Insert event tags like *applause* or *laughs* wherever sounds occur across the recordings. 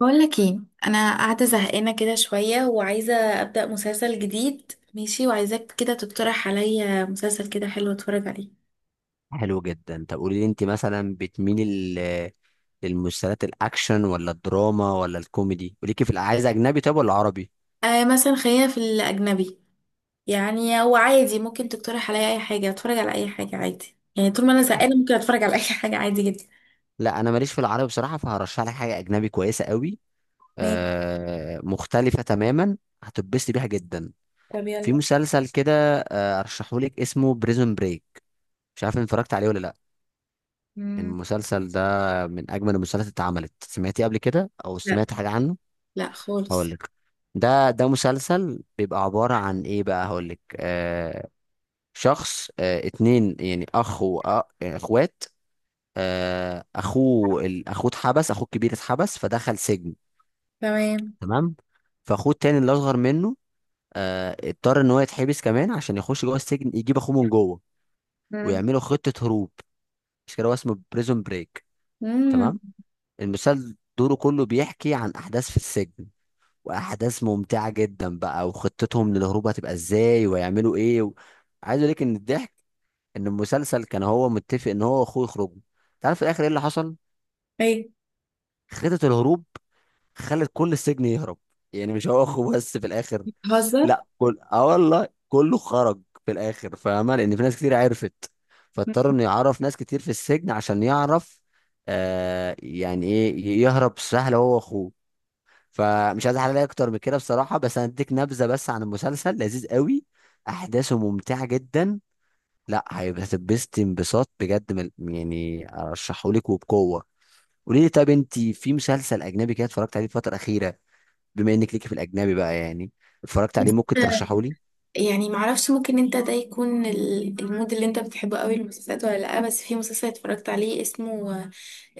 بقول لك ايه. انا قاعده زهقانه كده شويه وعايزه ابدا مسلسل جديد، ماشي، وعايزاك كده تقترح عليا مسلسل كده حلو اتفرج عليه. حلو جدا. طب قولي لي انت مثلا بتميلي لل- للمسلسلات الاكشن ولا الدراما ولا الكوميدي؟ قوليكي في عايز اجنبي طب ولا عربي؟ آه، مثلا خلينا في الاجنبي. يعني هو عادي، ممكن تقترح عليا اي حاجه، اتفرج على اي حاجه عادي. يعني طول ما انا حلو. زهقانه ممكن اتفرج على *laughs* اي حاجه عادي جدا. لا انا ماليش في العربي بصراحه، فهرشح لك حاجه اجنبي كويسه قوي، ماشي. آه مختلفه تماما، هتتبسطي بيها جدا. طب في يلا. مسلسل كده، آه، ارشحه لك اسمه بريزون بريك. مش عارف ان اتفرجت عليه ولا لا. مم. المسلسل ده من اجمل المسلسلات اللي اتعملت. سمعتي قبل كده او لا، سمعت حاجه عنه؟ لا خالص. هقولك. ده مسلسل بيبقى عبارة عن ايه بقى؟ هقولك. آه، شخص، آه، اتنين يعني اخ واخوات. آه، اخوه اتحبس، اخوه الكبير اتحبس فدخل سجن. تمام. تمام. فاخوه التاني اللي اصغر منه، آه، اضطر ان هو يتحبس كمان عشان يخش جوه السجن يجيب اخوه من جوه، مم. ويعملوا خطة هروب. مش كده هو اسمه بريزون بريك؟ تمام. مم. المسلسل دوره كله بيحكي عن احداث في السجن، واحداث ممتعه جدا بقى، وخطتهم للهروب هتبقى ازاي ويعملوا ايه و... عايز اقول لك ان الضحك ان المسلسل كان هو متفق ان هو واخوه يخرجوا. تعرف في الاخر ايه اللي حصل؟ ايه. خطه الهروب خلت كل السجن يهرب، يعني مش هو اخوه بس في الاخر. هزر. لا كل، اه والله كله خرج في الاخر، فاهمه؟ لان في ناس كتير عرفت، فاضطر انه يعرف ناس كتير في السجن عشان يعرف، آه، يعني ايه يهرب سهل هو واخوه. فمش عايز احلل اكتر من كده بصراحه، بس هديك نبذه بس عن المسلسل. لذيذ قوي، احداثه ممتعه جدا. لا هيبقى، هتتبسط انبساط بجد. يعني ارشحهولك وبقوه. قولي لي، طب انت في مسلسل اجنبي كده اتفرجت عليه الفتره الاخيره، بما انك ليكي في الاجنبي بقى يعني، اتفرجت عليه ممكن ترشحهولي؟ يعني معرفش، ممكن انت ده يكون المود اللي انت بتحبه قوي المسلسلات ولا لا. بس في مسلسل اتفرجت عليه اسمه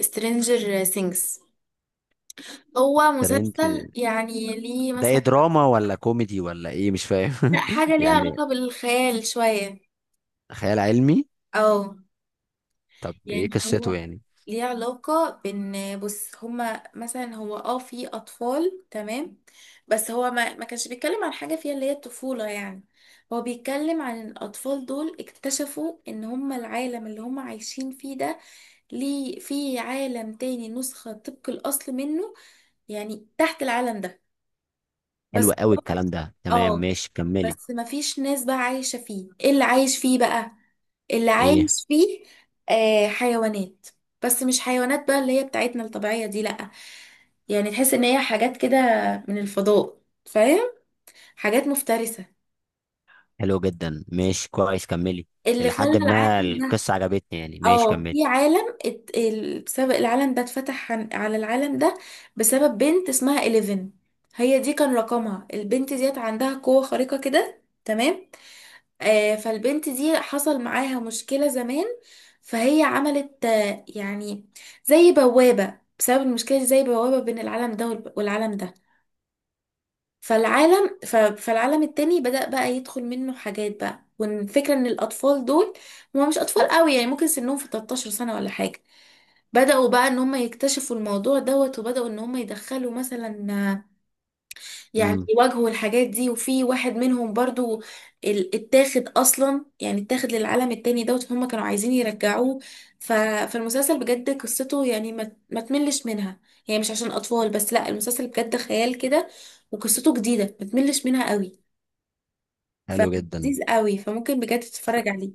سترينجر سينجز. هو ترند. مسلسل، يعني ليه ده ايه، مثلا. دراما ولا كوميدي ولا ايه؟ مش لا، فاهم حاجة *laughs* ليها يعني. علاقة بالخيال شوية. خيال علمي؟ او. طب ايه يعني قصته هو يعني؟ ليه علاقة بان، بص هما مثلا هو في اطفال، تمام. بس هو ما كانش بيتكلم عن حاجة فيها اللي هي الطفولة يعني. هو بيتكلم عن الأطفال دول، اكتشفوا إن هم العالم اللي هم عايشين فيه ده ليه في عالم تاني نسخة طبق الأصل منه، يعني تحت العالم ده حلو بس. قوي هو- الكلام ده، تمام اه ماشي كملي. بس مفيش ناس بقى عايشة فيه. ايه اللي عايش فيه بقى؟ اللي ايه؟ عايش فيه آه حيوانات. بس مش حيوانات بقى اللي هي بتاعتنا الطبيعية دي، لأ. يعني تحس ان هي حاجات كده من الفضاء، فاهم، حاجات مفترسة حلو جدا، ماشي كويس، كملي. اللي الى خلى حد ما العالم ده. القصه عجبتني يعني، ماشي اه كملي. في عالم بسبب العالم ده اتفتح على العالم ده بسبب بنت اسمها 11. هي دي كان رقمها. البنت ديت عندها قوة خارقة كده، تمام. فالبنت دي حصل معاها مشكلة زمان. فهي عملت يعني زي بوابة بسبب المشكلة دي، زي بوابة بين العالم ده والعالم ده. فالعالم التاني بدأ بقى يدخل منه حاجات بقى. والفكرة ان الاطفال دول هما مش اطفال قوي، يعني ممكن سنهم في 13 سنة ولا حاجة. بدأوا بقى ان هم يكتشفوا الموضوع دوت، وبدأوا ان هم يدخلوا مثلا، يعني امم. يواجهوا الحاجات دي. وفي واحد منهم برضو اتاخد اصلا، يعني اتاخد للعالم التاني دوت، هم كانوا عايزين يرجعوه. ف... فالمسلسل بجد قصته يعني ما تملش منها. يعني مش عشان اطفال بس، لا المسلسل بجد خيال كده وقصته جديدة ما تملش منها قوي. حلو جدا. فلذيذ قوي، فممكن بجد تتفرج عليه.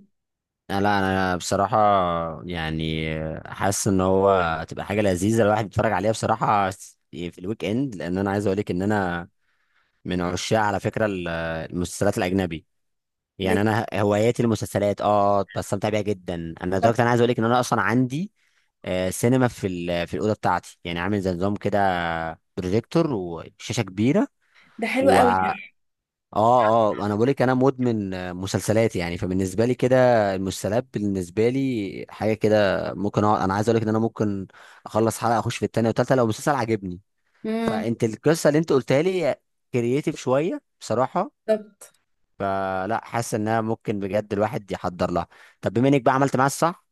لا انا بصراحه يعني حاسس ان هو هتبقى حاجه لذيذه الواحد يتفرج عليها بصراحه في الويك اند، لان انا عايز اقول لك ان انا من عشاق على فكره المسلسلات الاجنبي. ب- يعني انا هواياتي المسلسلات، اه بستمتع بيها جدا انا، طب لدرجه انا عايز اقول لك ان انا اصلا عندي، سينما في في الاوضه بتاعتي، يعني عامل زي نظام كده، بروجيكتور وشاشه كبيره. ده حلو قوي ده. اه اه، انا بقول لك انا مدمن مسلسلات يعني. فبالنسبه لي كده المسلسلات بالنسبه لي حاجه كده ممكن أقعد. انا عايز اقول لك ان انا ممكن اخلص حلقه اخش في التانيه والتالته لو المسلسل عجبني. امم. فانت القصه اللي انت قلتها لي كرييتيف شويه بصراحه. طب فلا، حاسس انها ممكن بجد الواحد يحضر لها. طب بما انك بقى عملت معايا الصح،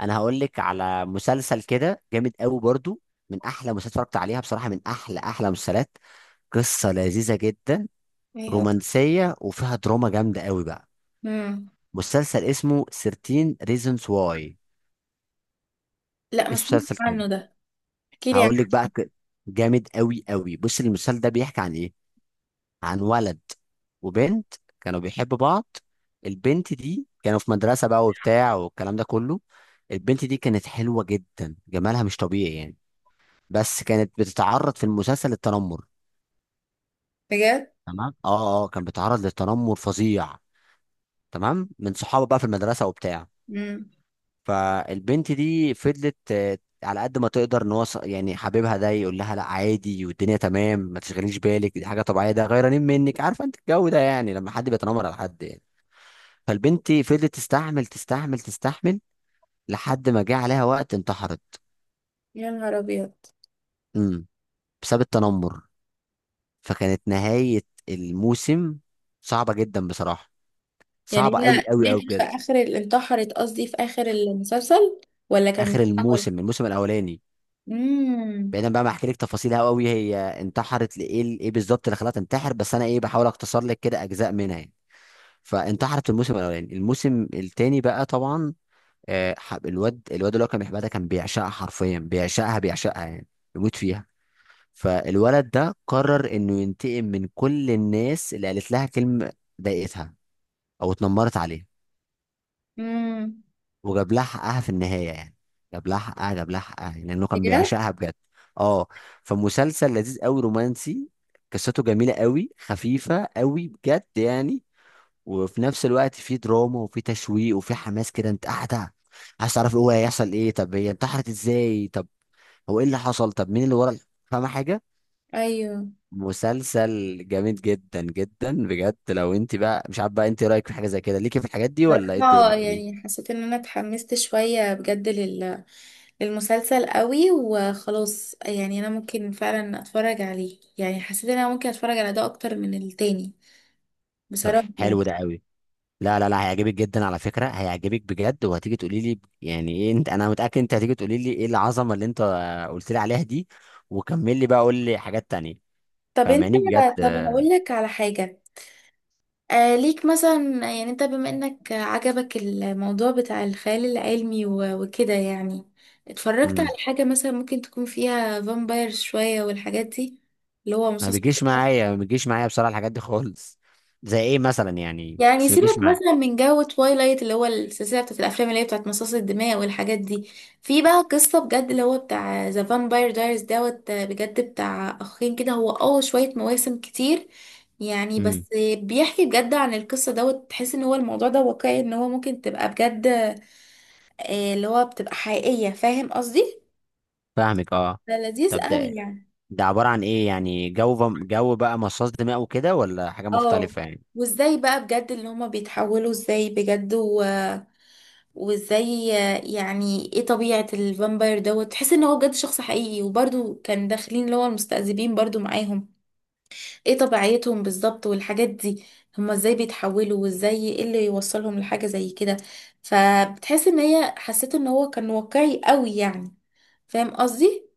انا هقول لك على مسلسل كده جامد قوي برضو، من احلى مسلسلات اتفرجت عليها بصراحه، من احلى احلى مسلسلات. قصه لذيذه جدا ايه هو؟ رومانسيه وفيها دراما جامده قوي بقى. مم. مسلسل اسمه 13 reasons why. لا، ما اسم سمعتش مسلسل كده. عنه ده. احكي لي عن. هقول لك بقى، جامد قوي قوي. بص المسلسل ده بيحكي عن ايه؟ عن ولد وبنت كانوا بيحبوا بعض. البنت دي كانوا في مدرسة بقى وبتاع والكلام ده كله. البنت دي كانت حلوة جدا، جمالها مش طبيعي يعني، بس كانت بتتعرض في المسلسل للتنمر. بجد. تمام، اه اه، كان بيتعرض للتنمر فظيع. تمام، من صحابه بقى في المدرسة وبتاع. امم. فالبنت دي فضلت، على قد ما تقدر ان هو يعني حبيبها ده يقول لها لا عادي والدنيا تمام، ما تشغليش بالك دي حاجه طبيعيه، ده غيرانين منك، عارفه انت الجو ده يعني لما حد بيتنمر على حد يعني. فالبنت فضلت تستحمل تستحمل تستحمل لحد ما جه عليها وقت انتحرت. يا نهار ابيض. امم. بسبب التنمر. فكانت نهايه الموسم صعبه جدا بصراحه، يعني صعبه قوي هي قوي قوي ماتت في بجد. اخر انتحرت قصدي في اخر المسلسل ولا كان من اخر الاول؟ الموسم، الموسم الاولاني. امم. بعيدا بقى ما احكي لك تفاصيلها قوي هي انتحرت لايه، ايه بالظبط اللي خلاها تنتحر، بس انا ايه بحاول اختصر لك كده اجزاء منها يعني. فانتحرت في الموسم الاولاني. الموسم التاني بقى طبعا، الواد اللي هو كان بيحبها ده كان بيعشقها، حرفيا بيعشقها بيعشقها يعني، بيموت فيها. فالولد ده قرر انه ينتقم من كل الناس اللي قالت لها كلمه ضايقتها او اتنمرت عليها، امم. وجاب لها حقها في النهاية يعني. جاب لها حقها، جاب لها حقها، يعني لأنه كان بجد. بيعشقها بجد. اه. فمسلسل لذيذ قوي رومانسي، قصته جميلة قوي، خفيفة قوي بجد يعني، وفي نفس الوقت في دراما وفي تشويق وفي حماس كده. انت قاعدة عايز تعرف الاول هيحصل ايه، طب هي انتحرت ازاي، طب هو ايه اللي حصل، طب مين اللي ورا. فاهمة حاجة؟ ايوه. مسلسل جامد جدا جدا بجد. لو انت بقى مش عارف بقى انت رايك في حاجة زي كده، ليكي في الحاجات دي ولا ايه صراحة الدنيا؟ قولي. يعني حسيت ان انا اتحمست شوية بجد للمسلسل قوي، وخلاص يعني انا ممكن فعلا اتفرج عليه. يعني حسيت ان انا ممكن اتفرج على ده اكتر من التاني، طب بصراحة يعني. حلو ده قوي. لا لا لا، هيعجبك جدا على فكرة، هيعجبك بجد، وهتيجي تقولي لي يعني ايه، انت، انا متأكد انت هتيجي تقولي لي ايه العظمة اللي انت، قلت لي عليها دي. وكمل لي بقى، قول لي حاجات تانية. طب انت. فاهماني بجد. طب هقول لك على حاجة. آه ليك مثلا، يعني انت بما انك عجبك الموضوع بتاع الخيال العلمي وكده يعني، اتفرجت امم. على حاجة مثلا ممكن تكون فيها فامبايرز شوية والحاجات دي، اللي هو ما مصاص. بيجيش معايا ما بيجيش معايا بصراحة الحاجات دي خالص. زي ايه مثلا يعني؟ يعني بس ما سيبك بيجيش معايا. مثلا من جو تويلايت اللي هو السلسله بتاعت الافلام اللي هي بتاعت مصاص الدماء والحاجات دي. في بقى قصه بجد اللي هو بتاع ذا فامباير دايرز دوت. بجد بتاع اخين كده، هو شويه، مواسم كتير يعني بس، امم. بيحكي بجد عن القصه دوت. تحس ان هو الموضوع ده واقعي، ان هو ممكن تبقى بجد، اللي هو بتبقى حقيقيه، فاهم قصدي. فاهمك اه. ده لذيذ طب قوي ده، يعني. ده عبارة عن ايه يعني؟ جو جو بقى مصاص دماء وكده، ولا حاجة اه، مختلفة يعني؟ وازاي بقى بجد اللي هما بيتحولوا ازاي بجد، وازاي يعني ايه طبيعة الفامباير دوت. تحس ان هو بجد شخص حقيقي، وبرضو كان داخلين اللي هو المستذئبين برضو معاهم. ايه طبيعتهم بالظبط والحاجات دي، هما ازاي بيتحولوا، وازاي ايه اللي يوصلهم لحاجة زي كده. فبتحس ان هي حسيت ان هو كان واقعي قوي يعني، فاهم قصدي.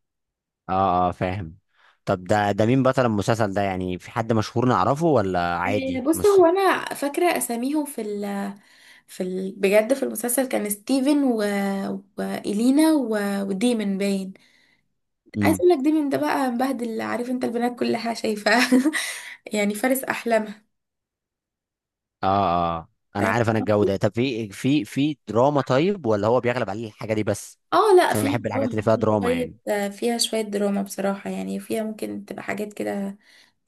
اه اه، فاهم. طب ده مين بطل المسلسل ده يعني؟ في حد مشهور نعرفه ولا إيه، عادي؟ بص هو انا فاكره اساميهم في ال بجد في المسلسل كان ستيفن والينا وديمن باين. عايز امم. اقول لك دي من ده بقى مبهدل، عارف انت البنات كلها شايفاه *laughs* يعني فارس احلامها. اه اه، آه. انا فاهم عارف انا الجو قصدي؟ ده. طب في في دراما طيب ولا هو بيغلب عليه الحاجه دي بس؟ اه لا، عشان لا في بحب الحاجات اللي دراما، فيها في دراما شوية. يعني. فيها شوية دراما بصراحة، يعني فيها ممكن تبقى حاجات كده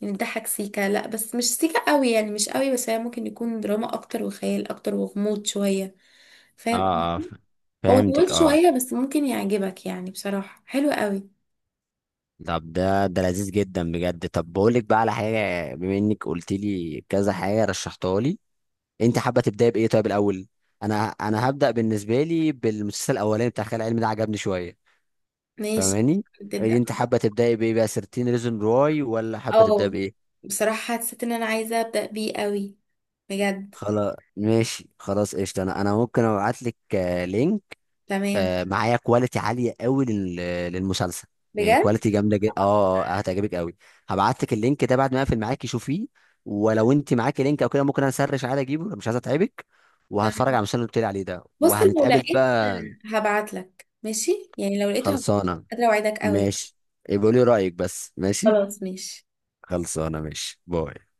يعني تضحك سيكا، لا بس مش سيكا قوي يعني، مش قوي، بس هي ممكن يكون دراما اكتر وخيال اكتر وغموض شوية. فاهم. اه اه، هو طويل فهمتك اه. شوية بس ممكن يعجبك، يعني بصراحة حلو قوي. طب ده، ده لذيذ جدا بجد. طب بقول لك بقى على حاجه، بما انك قلت لي كذا حاجه رشحتها لي، انت حابه تبداي بايه طيب الاول؟ انا هبدا، بالنسبه لي، بالمسلسل الاولاني بتاع خيال علمي ده عجبني شويه. ماشي. فاهماني؟ يعني تبدأ. انت حابه تبداي بايه بقى، 13 ريزون راي، ولا حابه تبداي اه، بايه؟ بصراحة حسيت ان انا عايزة ابدأ بيه قوي. بجد. خلاص ماشي، خلاص قشطة. انا ممكن ابعت لك، لينك، تمام. معايا كواليتي عالية قوي للمسلسل، يعني بجد. كواليتي جامدة جدا اه، هتعجبك قوي. هبعت لك اللينك ده بعد ما اقفل معاكي شوفيه. ولو انت معاكي لينك او كده ممكن انا اسرش عادي اجيبه لو مش عايز اتعبك. وهتفرج على تمام. المسلسل اللي قلت لي عليه ده، بص لو وهنتقابل لقيت بقى. هبعت لك، ماشي يعني لو لقيته هبعت لك، خلصانة قادرة اوعدك قوي. ماشي، يبقى لي رأيك بس ماشي. خلاص ماشي خلصانة ماشي، باي.